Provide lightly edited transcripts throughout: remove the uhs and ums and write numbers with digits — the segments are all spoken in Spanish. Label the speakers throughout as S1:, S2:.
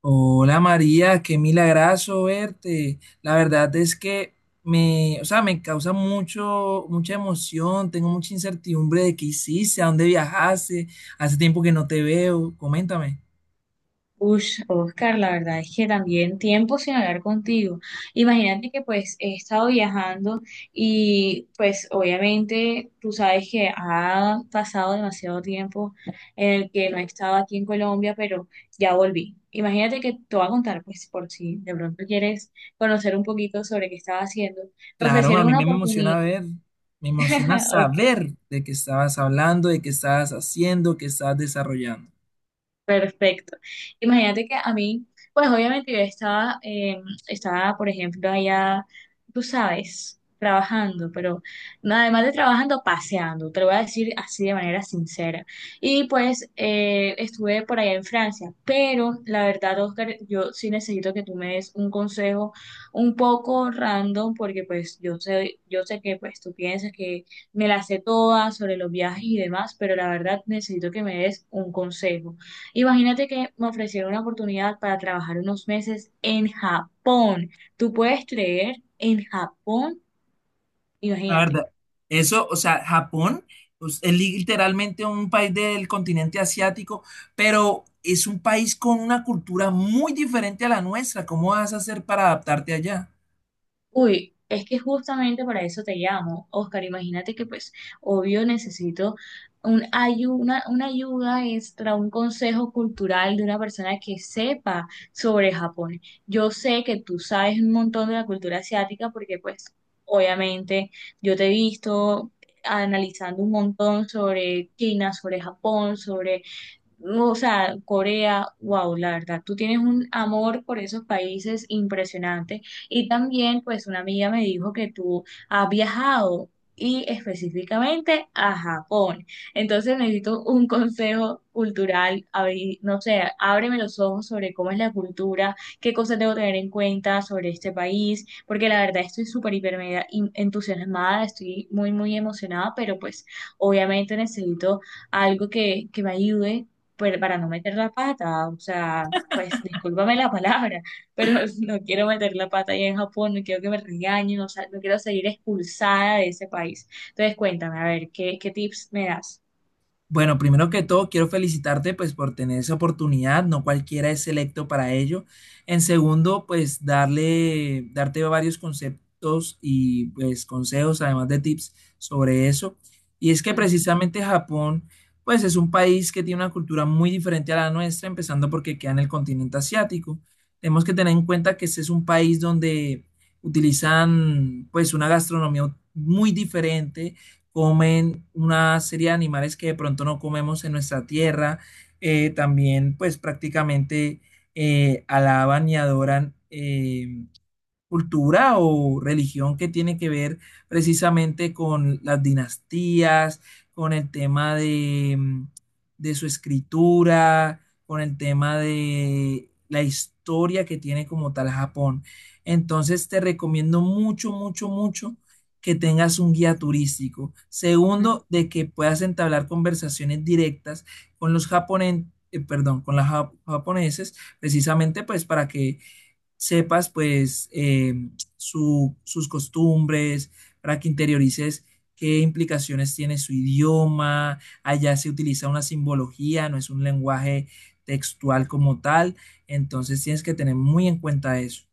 S1: Hola María, qué milagrazo verte. La verdad es que me causa mucha emoción, tengo mucha incertidumbre de qué hiciste, a dónde viajaste, hace tiempo que no te veo, coméntame.
S2: Ush, Oscar, la verdad es que también tiempo sin hablar contigo. Imagínate que pues he estado viajando y pues obviamente tú sabes que ha pasado demasiado tiempo en el que no he estado aquí en Colombia, pero ya volví. Imagínate que te voy a contar pues por si de pronto quieres conocer un poquito sobre qué estaba haciendo. Me
S1: Claro, a
S2: ofrecieron
S1: mí
S2: una
S1: me
S2: oportunidad,
S1: emociona ver, me emociona
S2: ok,
S1: saber de qué estabas hablando, de qué estabas haciendo, qué estabas desarrollando.
S2: perfecto. Imagínate que a mí, pues obviamente yo estaba, estaba, por ejemplo, allá, tú sabes, trabajando, pero nada además de trabajando, paseando, te lo voy a decir así de manera sincera. Y pues estuve por allá en Francia, pero la verdad, Oscar, yo sí necesito que tú me des un consejo un poco random, porque pues yo sé que pues tú piensas que me la sé toda sobre los viajes y demás, pero la verdad necesito que me des un consejo. Imagínate que me ofrecieron una oportunidad para trabajar unos meses en Japón. ¿Tú puedes creer en Japón?
S1: La
S2: Imagínate.
S1: verdad, eso, o sea, Japón pues, es literalmente un país del continente asiático, pero es un país con una cultura muy diferente a la nuestra. ¿Cómo vas a hacer para adaptarte allá?
S2: Uy, es que justamente para eso te llamo, Oscar. Imagínate que pues, obvio, necesito una ayuda extra, un consejo cultural de una persona que sepa sobre Japón. Yo sé que tú sabes un montón de la cultura asiática porque pues, obviamente, yo te he visto analizando un montón sobre China, sobre Japón, sobre no, o sea, Corea, wow, la verdad, tú tienes un amor por esos países impresionante. Y también, pues, una amiga me dijo que tú has viajado y específicamente a Japón. Entonces necesito un consejo cultural, no sé, ábreme los ojos sobre cómo es la cultura, qué cosas debo tener en cuenta sobre este país, porque la verdad estoy súper, hiper, entusiasmada, estoy muy muy emocionada pero pues obviamente necesito algo que me ayude pero para no meter la pata, o sea, pues discúlpame la palabra, pero no quiero meter la pata ahí en Japón, no quiero que me regañen, o sea, no quiero seguir expulsada de ese país. Entonces, cuéntame, a ver, qué tips me das?
S1: Bueno, primero que todo, quiero felicitarte pues por tener esa oportunidad, no cualquiera es selecto para ello. En segundo, pues darte varios conceptos y pues consejos, además de tips sobre eso. Y es que precisamente Japón pues es un país que tiene una cultura muy diferente a la nuestra, empezando porque queda en el continente asiático. Tenemos que tener en cuenta que este es un país donde utilizan pues una gastronomía muy diferente, comen una serie de animales que de pronto no comemos en nuestra tierra. También, pues prácticamente alaban y adoran cultura o religión que tiene que ver precisamente con las dinastías, con el tema de, de su escritura, con el tema de la historia que tiene como tal Japón. Entonces te recomiendo mucho que tengas un guía turístico.
S2: Ujú.
S1: Segundo, de que puedas entablar conversaciones directas con los japoneses, perdón, con los japoneses, precisamente pues para que sepas pues sus costumbres, para que interiorices qué implicaciones tiene su idioma. Allá se utiliza una simbología, no es un lenguaje textual como tal, entonces tienes que tener muy en cuenta eso.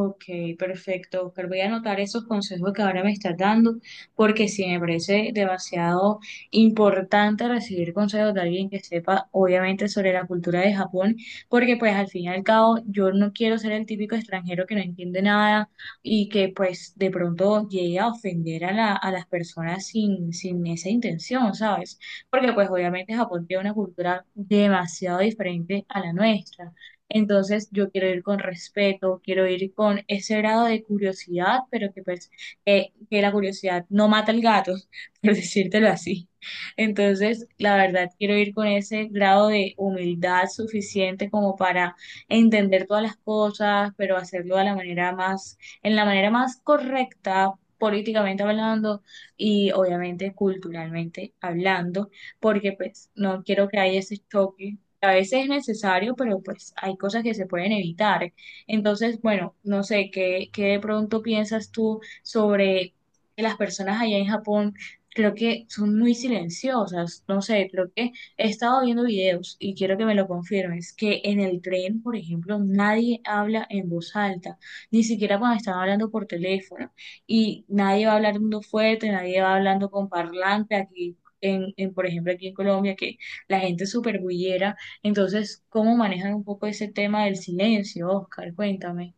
S2: Ok, perfecto, Oscar. Voy a anotar esos consejos que ahora me estás dando, porque sí me parece demasiado importante recibir consejos de alguien que sepa, obviamente, sobre la cultura de Japón, porque pues al fin y al cabo yo no quiero ser el típico extranjero que no entiende nada y que pues de pronto llegue a ofender a a las personas sin esa intención, ¿sabes? Porque pues obviamente Japón tiene una cultura demasiado diferente a la nuestra. Entonces yo quiero ir con respeto, quiero ir con ese grado de curiosidad, pero que, pues, que la curiosidad no mata al gato, por decírtelo así. Entonces, la verdad, quiero ir con ese grado de humildad suficiente como para entender todas las cosas, pero hacerlo de la manera más, en la manera más correcta, políticamente hablando y obviamente culturalmente hablando, porque pues no quiero que haya ese choque, a veces es necesario, pero pues hay cosas que se pueden evitar. Entonces, bueno, no sé, qué de pronto piensas tú sobre que las personas allá en Japón? Creo que son muy silenciosas, no sé, creo que he estado viendo videos y quiero que me lo confirmes, que en el tren, por ejemplo, nadie habla en voz alta, ni siquiera cuando están hablando por teléfono, y nadie va hablando fuerte, nadie va hablando con parlante aquí, en, por ejemplo, aquí en Colombia, que la gente es súper bullera, entonces, ¿cómo manejan un poco ese tema del silencio, Oscar? Cuéntame.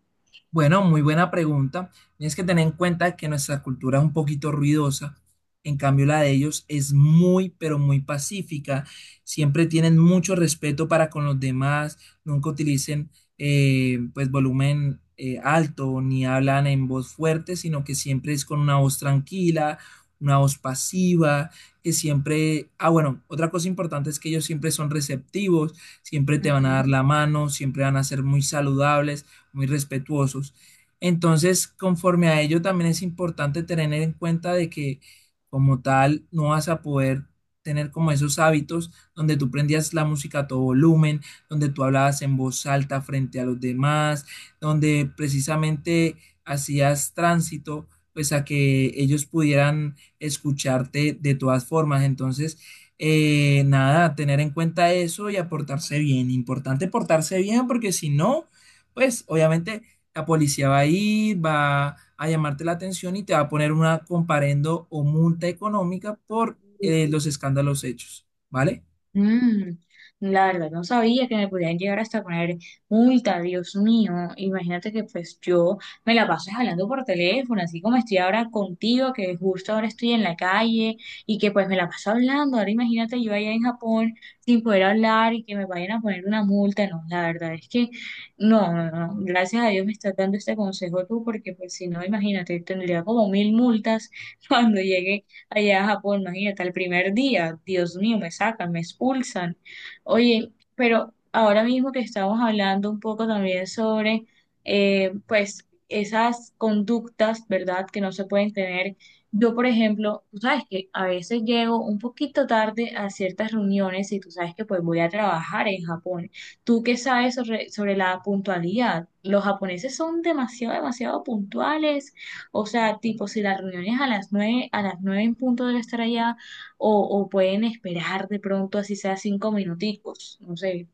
S1: Bueno, muy buena pregunta. Tienes que tener en cuenta que nuestra cultura es un poquito ruidosa, en cambio la de ellos es muy, pero muy pacífica. Siempre tienen mucho respeto para con los demás, nunca utilicen pues volumen alto ni hablan en voz fuerte, sino que siempre es con una voz tranquila, una voz pasiva, que siempre... Ah, bueno, otra cosa importante es que ellos siempre son receptivos, siempre te van a
S2: Ujú.
S1: dar la mano, siempre van a ser muy saludables, muy respetuosos. Entonces, conforme a ello, también es importante tener en cuenta de que como tal no vas a poder tener como esos hábitos donde tú prendías la música a todo volumen, donde tú hablabas en voz alta frente a los demás, donde precisamente hacías tránsito, pues a que ellos pudieran escucharte de todas formas. Entonces, nada, tener en cuenta eso y aportarse bien. Importante portarse bien porque si no, pues obviamente la policía va a ir, va a llamarte la atención y te va a poner una comparendo o multa económica por los escándalos hechos, ¿vale?
S2: Mm, la verdad, no sabía que me podían llegar hasta poner multa, Dios mío. Imagínate que pues yo me la paso hablando por teléfono, así como estoy ahora contigo, que justo ahora estoy en la calle y que pues me la paso hablando. Ahora imagínate yo allá en Japón sin poder hablar y que me vayan a poner una multa. No, la verdad es que no, no, no. Gracias a Dios me estás dando este consejo tú, porque pues si no, imagínate, tendría como mil multas cuando llegue allá a Japón, imagínate, el primer día, Dios mío, me sacan, me expulsan. Oye, pero ahora mismo que estamos hablando un poco también sobre, pues, esas conductas, ¿verdad?, que no se pueden tener. Yo, por ejemplo, tú sabes que a veces llego un poquito tarde a ciertas reuniones y tú sabes que pues voy a trabajar en Japón. ¿Tú qué sabes sobre, sobre la puntualidad? Los japoneses son demasiado, demasiado puntuales, o sea, tipo, si la reunión es a las nueve en punto debe estar allá, o pueden esperar de pronto, así sea cinco minuticos, no sé,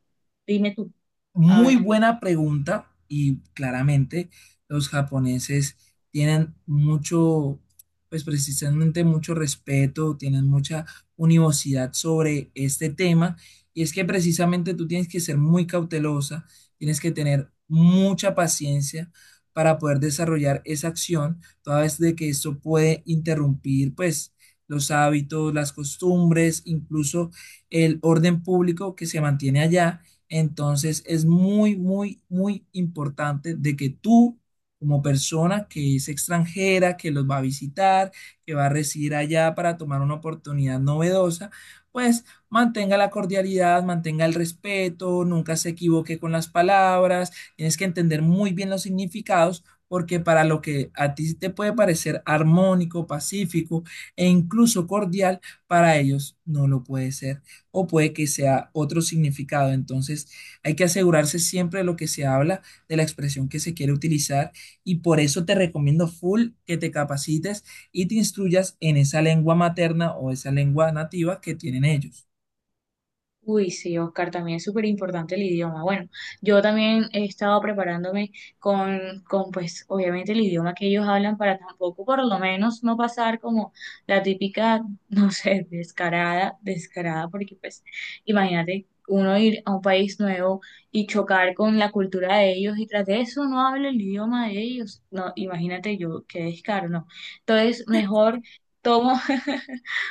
S2: dime tú, a
S1: Muy
S2: ver.
S1: buena pregunta y claramente los japoneses tienen mucho, pues precisamente mucho respeto, tienen mucha univocidad sobre este tema y es que precisamente tú tienes que ser muy cautelosa, tienes que tener mucha paciencia para poder desarrollar esa acción, toda vez de que eso puede interrumpir pues los hábitos, las costumbres, incluso el orden público que se mantiene allá. Entonces es muy importante de que tú, como persona que es extranjera, que los va a visitar, que va a residir allá para tomar una oportunidad novedosa, pues mantenga la cordialidad, mantenga el respeto, nunca se equivoque con las palabras, tienes que entender muy bien los significados. Porque para lo que a ti te puede parecer armónico, pacífico e incluso cordial, para ellos no lo puede ser o puede que sea otro significado. Entonces, hay que asegurarse siempre de lo que se habla, de la expresión que se quiere utilizar y por eso te recomiendo full que te capacites y te instruyas en esa lengua materna o esa lengua nativa que tienen ellos.
S2: Uy, sí, Oscar, también es súper importante el idioma. Bueno, yo también he estado preparándome con, pues, obviamente el idioma que ellos hablan para tampoco, por lo menos, no pasar como la típica, no sé, descarada, porque, pues, imagínate uno ir a un país nuevo y chocar con la cultura de ellos y tras de eso no habla el idioma de ellos. No, imagínate yo, qué descaro, no. Entonces, mejor tomo.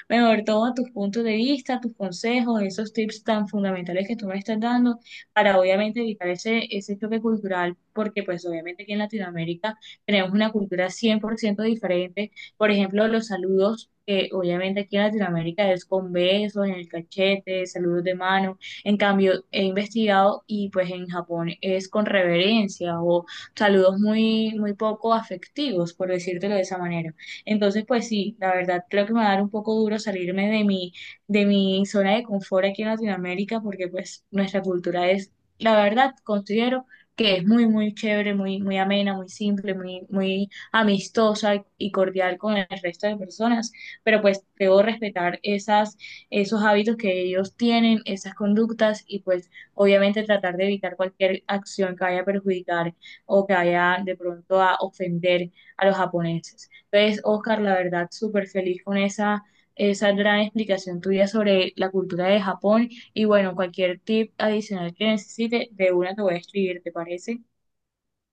S2: mejor toma tus puntos de vista, tus consejos, esos tips tan fundamentales que tú me estás dando para obviamente evitar ese, ese choque cultural, porque pues obviamente aquí en Latinoamérica tenemos una cultura 100% diferente. Por ejemplo, los saludos, que obviamente aquí en Latinoamérica es con besos, en el cachete, saludos de mano. En cambio, he investigado y pues en Japón es con reverencia o saludos muy, muy poco afectivos, por decírtelo de esa manera. Entonces, pues sí, la verdad creo que me va a dar un poco duro salirme de mi zona de confort aquí en Latinoamérica porque pues nuestra cultura es, la verdad, considero que es muy, muy chévere, muy, muy amena, muy simple, muy, muy amistosa y cordial con el resto de personas, pero pues debo respetar esas, esos hábitos que ellos tienen, esas conductas y pues obviamente tratar de evitar cualquier acción que vaya a perjudicar o que vaya de pronto a ofender a los japoneses. Pues, Oscar, la verdad, súper feliz con esa, esa gran explicación tuya sobre la cultura de Japón. Y bueno, cualquier tip adicional que necesite, de una te voy a escribir, ¿te parece?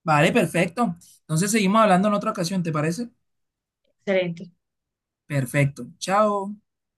S1: Vale, perfecto. Entonces, seguimos hablando en otra ocasión, ¿te parece?
S2: Excelente.
S1: Perfecto. Chao.